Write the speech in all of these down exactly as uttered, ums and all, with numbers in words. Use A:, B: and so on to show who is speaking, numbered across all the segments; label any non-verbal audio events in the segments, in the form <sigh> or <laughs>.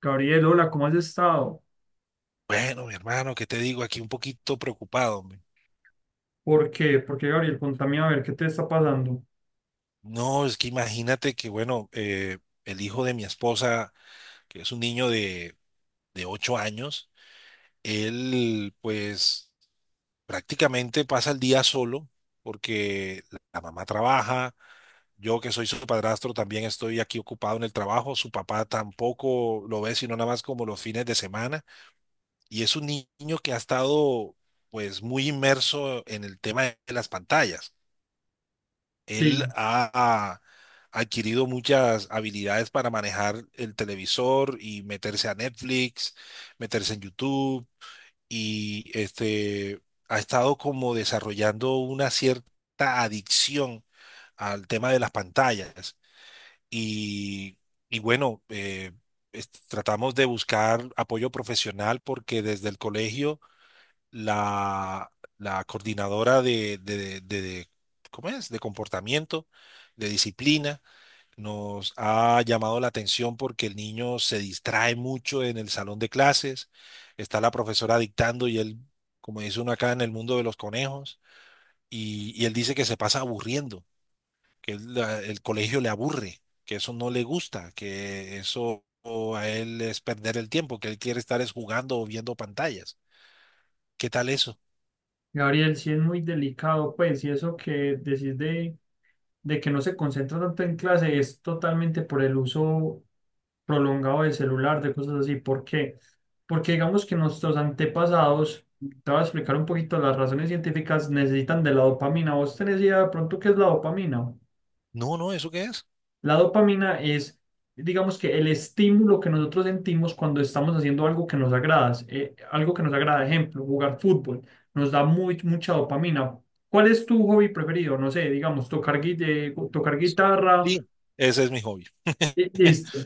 A: Gabriel, hola, ¿cómo has estado?
B: Bueno, mi hermano, ¿qué te digo? Aquí un poquito preocupado, hombre.
A: ¿Por qué? ¿Por qué, Gabriel? Contame a ver qué te está pasando.
B: No, es que imagínate que, bueno, eh, el hijo de mi esposa, que es un niño de, de ocho años. Él pues prácticamente pasa el día solo porque la mamá trabaja, yo que soy su padrastro también estoy aquí ocupado en el trabajo, su papá tampoco lo ve sino nada más como los fines de semana, y es un niño que ha estado pues muy inmerso en el tema de las pantallas. Él
A: Sí,
B: ha, Ha adquirido muchas habilidades para manejar el televisor y meterse a Netflix, meterse en YouTube y este, ha estado como desarrollando una cierta adicción al tema de las pantallas. Y, y bueno, eh, es- tratamos de buscar apoyo profesional porque desde el colegio la, la coordinadora de, de- de- de- ¿cómo es? De comportamiento, de disciplina, nos ha llamado la atención porque el niño se distrae mucho en el salón de clases, está la profesora dictando y él, como dice uno acá en el mundo de los conejos, y, y él dice que se pasa aburriendo, que él la- el colegio le aburre, que eso no le gusta, que eso a él es perder el tiempo, que él quiere estar es jugando o viendo pantallas. ¿Qué tal eso?
A: Gabriel, sí es muy delicado, pues, y eso que decís de, de que no se concentra tanto en clase es totalmente por el uso prolongado del celular, de cosas así. ¿Por qué? Porque digamos que nuestros antepasados, te voy a explicar un poquito las razones científicas, necesitan de la dopamina. ¿Vos tenés idea de pronto qué es la dopamina?
B: No, no, ¿eso qué es?
A: La dopamina es, digamos que el estímulo que nosotros sentimos cuando estamos haciendo algo que nos agrada, eh, algo que nos agrada, ejemplo, jugar fútbol, nos da muy, mucha dopamina. ¿Cuál es tu hobby preferido? No sé, digamos, tocar, gui- eh, tocar guitarra.
B: Sí, ese es mi hobby.
A: eh,
B: <laughs>
A: Listo. eh,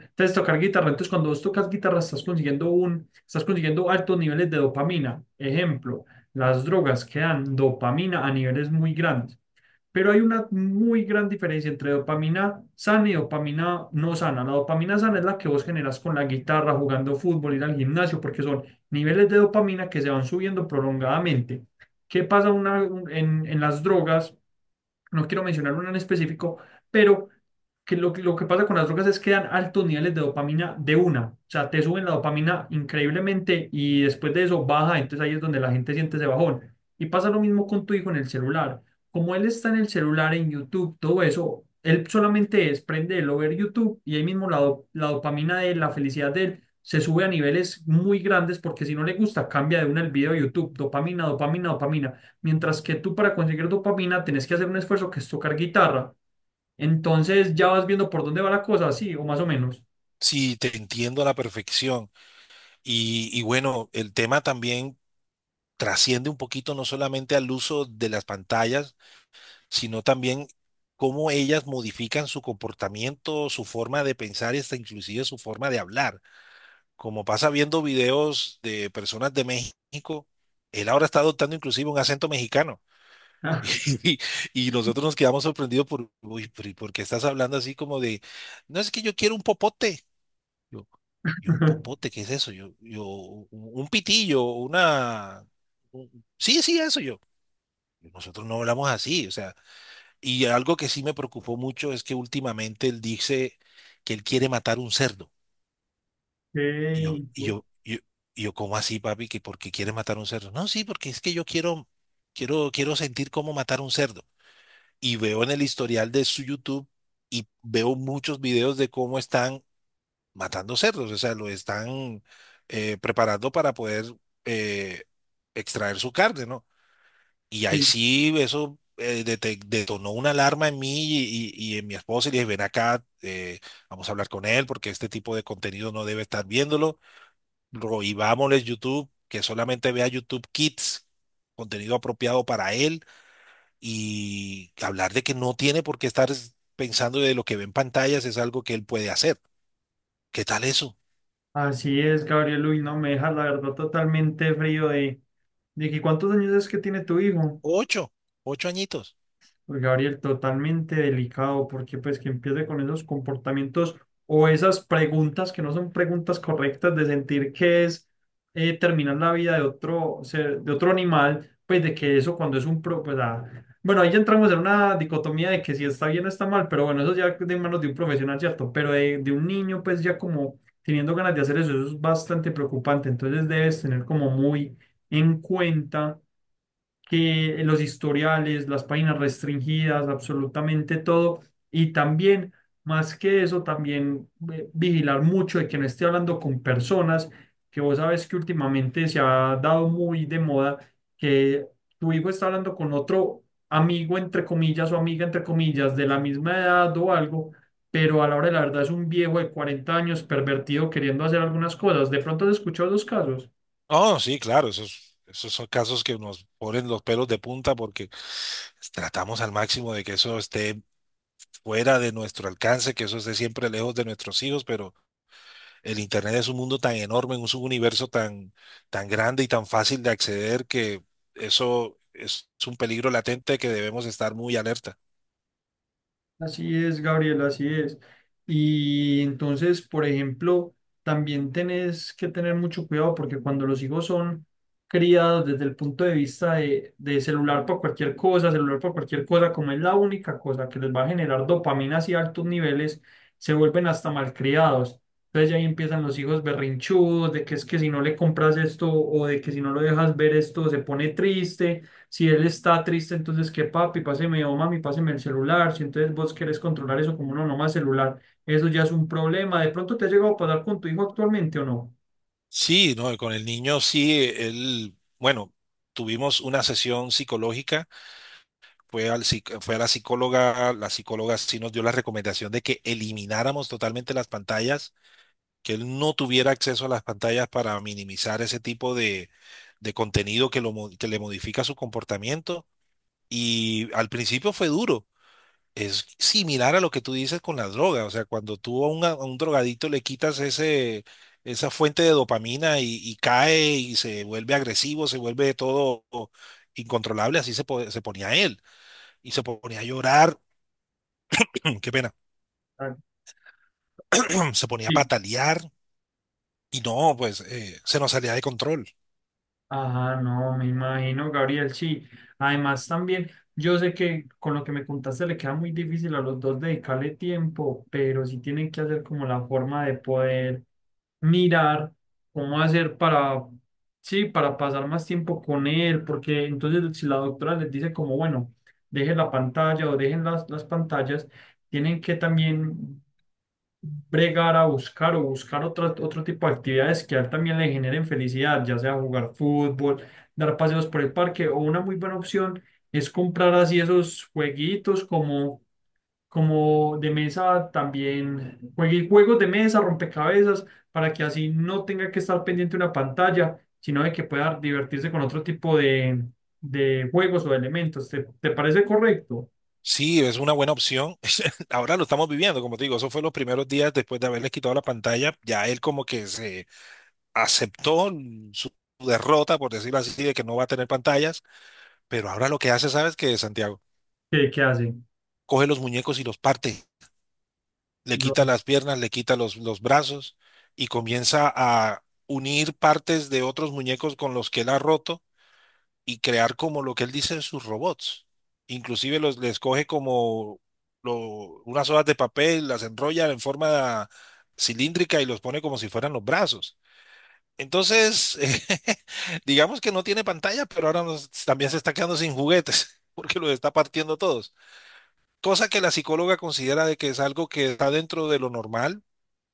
A: Entonces, tocar guitarra. Entonces, cuando vos tocas guitarra, estás consiguiendo un, estás consiguiendo altos niveles de dopamina. Ejemplo, las drogas que dan dopamina a niveles muy grandes. Pero hay una muy gran diferencia entre dopamina sana y dopamina no sana. La dopamina sana es la que vos generas con la guitarra, jugando fútbol, ir al gimnasio, porque son niveles de dopamina que se van subiendo prolongadamente. ¿Qué pasa una- un- en, en las drogas? No quiero mencionar uno en específico, pero que lo, que lo que pasa con las drogas es que dan altos niveles de dopamina de una. O sea, te suben la dopamina increíblemente y después de eso baja, entonces ahí es donde la gente siente ese bajón. Y pasa lo mismo con tu hijo en el celular. Como él está en el celular, en YouTube, todo eso, él solamente es prenderlo, ver YouTube y ahí mismo la, do- la dopamina de él, la felicidad de él. Se sube a niveles muy grandes porque si no le gusta, cambia de una el video de YouTube, dopamina, dopamina, dopamina. Mientras que tú para conseguir dopamina tenés que hacer un esfuerzo que es tocar guitarra. Entonces ya vas viendo por dónde va la cosa, sí, o más o menos.
B: Sí, te entiendo a la perfección. Y, y bueno, el tema también trasciende un poquito no solamente al uso de las pantallas, sino también cómo ellas modifican su comportamiento, su forma de pensar y hasta inclusive su forma de hablar. Como pasa viendo videos de personas de México, él ahora está adoptando inclusive un acento mexicano.
A: Ah.
B: <laughs> Y, y nosotros nos quedamos sorprendidos por, uy, pero ¿y por qué estás hablando así como de, no es que yo quiero un popote? Yo, y un
A: <laughs>
B: popote, ¿qué es eso? Yo, yo, un un pitillo, una... un- Sí, sí, eso yo. Nosotros no hablamos así, o sea, y algo que sí me preocupó mucho es que últimamente él dice que él quiere matar un cerdo. Y yo,
A: Ey.
B: y yo, yo, y yo, ¿cómo así, papi? ¿Que por qué quiere matar un cerdo? No, sí, porque es que yo quiero, quiero, quiero sentir cómo matar un cerdo. Y veo en el historial de su YouTube y veo muchos videos de cómo están matando cerdos, o sea, lo están eh, preparando para poder eh, extraer su carne, ¿no? Y ahí
A: Sí,
B: sí, eso eh, dete- detonó una alarma en mí y, y- y en mi esposa, y le dije, ven acá, eh, vamos a hablar con él porque este tipo de contenido no debe estar viéndolo. Prohibámosle YouTube, que solamente vea YouTube Kids, contenido apropiado para él, y hablar de que no tiene por qué estar pensando de lo que ve en pantallas es algo que él puede hacer. ¿Qué tal eso?
A: así es, Gabriel. Uy, no me dejas la verdad totalmente frío de, de que cuántos años es que tiene tu hijo.
B: Ocho, ocho añitos.
A: Pues, Gabriel, totalmente delicado, porque pues que empiece con esos comportamientos o esas preguntas que no son preguntas correctas de sentir que es eh, terminar la vida de otro ser, de otro animal, pues de que eso cuando es un pro, pues, ah, bueno, ahí ya entramos en una dicotomía de que si está bien o está mal, pero bueno, eso ya de manos de un profesional, ¿cierto? Pero de, de un niño, pues ya como teniendo ganas de hacer eso, eso es bastante preocupante, entonces debes tener como muy en cuenta que los historiales, las páginas restringidas, absolutamente todo. Y también, más que eso, también eh, vigilar mucho de que no esté hablando con personas que vos sabes que últimamente se ha dado muy de moda que tu hijo está hablando con otro amigo, entre comillas, o amiga, entre comillas, de la misma edad o algo. Pero a la hora de la verdad es un viejo de cuarenta años pervertido queriendo hacer algunas cosas. ¿De pronto has escuchado los casos?
B: Oh, sí, claro, esos, esos son casos que nos ponen los pelos de punta porque tratamos al máximo de que eso esté fuera de nuestro alcance, que eso esté siempre lejos de nuestros hijos, pero el Internet es un mundo tan enorme, un subuniverso tan, tan grande y tan fácil de acceder que eso es un peligro latente que debemos estar muy alerta.
A: Así es, Gabriel, así es. Y entonces, por ejemplo, también tenés que tener mucho cuidado porque cuando los hijos son criados desde el punto de vista de, de celular por cualquier cosa, celular por cualquier cosa, como es la única cosa que les va a generar dopamina y altos niveles, se vuelven hasta malcriados. Entonces ya ahí empiezan los hijos berrinchudos, de que es que si no le compras esto o de que si no lo dejas ver esto se pone triste si él está triste, entonces que papi, páseme o mami, páseme el celular. Si entonces vos querés controlar eso como no, no más celular, eso ya es un problema. ¿De pronto te ha llegado a pasar con tu hijo actualmente o no?
B: Sí, no, con el niño sí, él, bueno, tuvimos una sesión psicológica, fue, al, psic- fue a la psicóloga, la psicóloga sí nos dio la recomendación de que elimináramos totalmente las pantallas, que él no tuviera acceso a las pantallas para minimizar ese tipo de, de contenido que, lo, mo- que le modifica su comportamiento. Y al principio fue duro. Es similar a lo que tú dices con la droga. O sea, cuando tú a un, a un drogadito le quitas ese, esa fuente de dopamina y, y cae y se vuelve agresivo, se vuelve todo incontrolable, así se, po- se ponía él y se ponía a llorar, <clears throat> qué pena,
A: Ah.
B: <clears throat> se ponía a
A: Sí.
B: patalear y no, pues eh, se nos salía de control.
A: Ajá, no, me imagino, Gabriel, sí. Además, también, yo sé que con lo que me contaste le queda muy difícil a los dos dedicarle tiempo, pero sí tienen que hacer como la forma de poder mirar cómo hacer para, sí, para pasar más tiempo con él, porque entonces si la doctora les dice como, bueno, dejen la pantalla o dejen las, las pantallas, tienen que también bregar a buscar o buscar otro, otro tipo de actividades que a él también le generen felicidad, ya sea jugar fútbol, dar paseos por el parque o una muy buena opción es comprar así esos jueguitos como como de mesa, también juegue juegos de mesa, rompecabezas, para que así no tenga que estar pendiente de una pantalla, sino de que pueda divertirse con otro tipo de, de juegos o de elementos. ¿Te, te parece correcto?
B: Sí, es una buena opción. <laughs> Ahora lo estamos viviendo, como te digo, eso fue los primeros días después de haberles quitado la pantalla. Ya él como que se aceptó su derrota, por decirlo así, de que no va a tener pantallas. Pero ahora lo que hace, ¿sabes qué, Santiago?
A: ¿Qué, qué hace?
B: Coge los muñecos y los parte. Le
A: No.
B: quita las piernas, le quita los, los brazos y comienza a unir partes de otros muñecos con los que él ha roto y crear como lo que él dice sus robots. Inclusive los, les coge como lo- unas hojas de papel, las enrolla en forma cilíndrica y los pone como si fueran los brazos. Entonces, <laughs> digamos que no tiene pantalla, pero ahora nos- también se está quedando sin juguetes <laughs> porque los está partiendo todos. Cosa que la psicóloga considera de que es algo que está dentro de lo normal,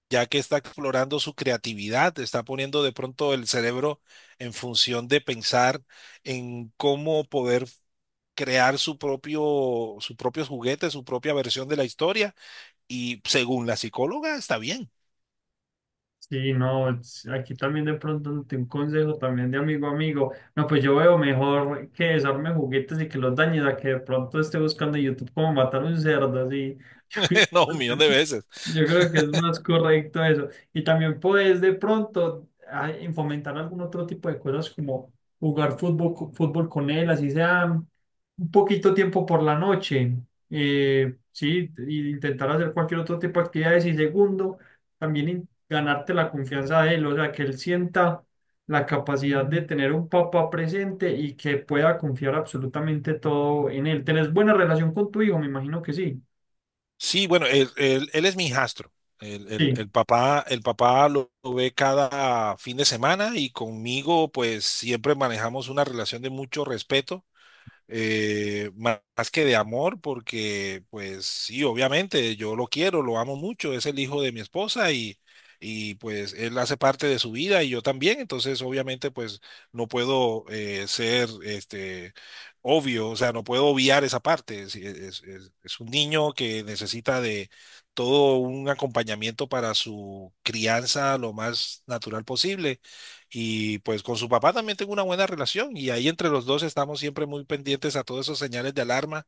B: ya que está explorando su creatividad, está poniendo de pronto el cerebro en función de pensar en cómo poder crear su propio, su propio juguete, su propia versión de la historia. Y según la psicóloga, está bien.
A: Sí, no, es- aquí también de pronto ante un consejo también de amigo a amigo. No, pues yo veo mejor que desarme juguetes y que los dañes a que de pronto esté buscando en YouTube cómo matar un cerdo, así. <laughs>
B: <laughs> No, un millón de veces.
A: Yo creo que es más correcto eso. Y también puedes de pronto ah, fomentar algún otro tipo de cosas como jugar fútbol, co- fútbol con él, así sea un poquito tiempo por la noche. Eh, sí, y intentar hacer cualquier otro tipo de actividades. Y segundo también in- ganarte la confianza de él, o sea, que él sienta la capacidad de tener un papá presente y que pueda confiar absolutamente todo en él. ¿Tenés buena relación con tu hijo? Me imagino que sí.
B: Sí, bueno, él, él, él es mi hijastro. El, el,
A: Sí.
B: el, papá, el papá lo, lo, ve cada fin de semana, y conmigo pues siempre manejamos una relación de mucho respeto, eh, ma- más que de amor, porque pues sí, obviamente yo lo quiero, lo amo mucho, es el hijo de mi esposa, y, y pues él hace parte de su vida y yo también, entonces obviamente pues no puedo eh, ser este obvio, o sea, no puedo obviar esa parte. Es, es- es- es un niño que necesita de todo un acompañamiento para su crianza lo más natural posible. Y pues con su papá también tengo una buena relación y ahí entre los dos estamos siempre muy pendientes a todos esos señales de alarma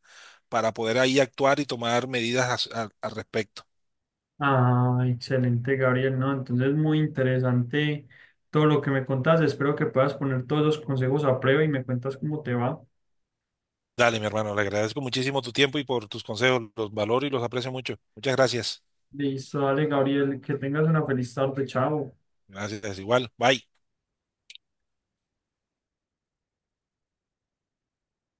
B: para poder ahí actuar y tomar medidas as- a- al respecto.
A: Ah, excelente, Gabriel, ¿no? Entonces, muy interesante todo lo que me contás. Espero que puedas poner todos los consejos a prueba y me cuentas cómo te va.
B: Dale, mi hermano, le agradezco muchísimo tu tiempo y por tus consejos, los valoro y los aprecio mucho. Muchas gracias.
A: Listo, dale, Gabriel, que tengas una feliz tarde, chao.
B: Gracias, igual. Bye.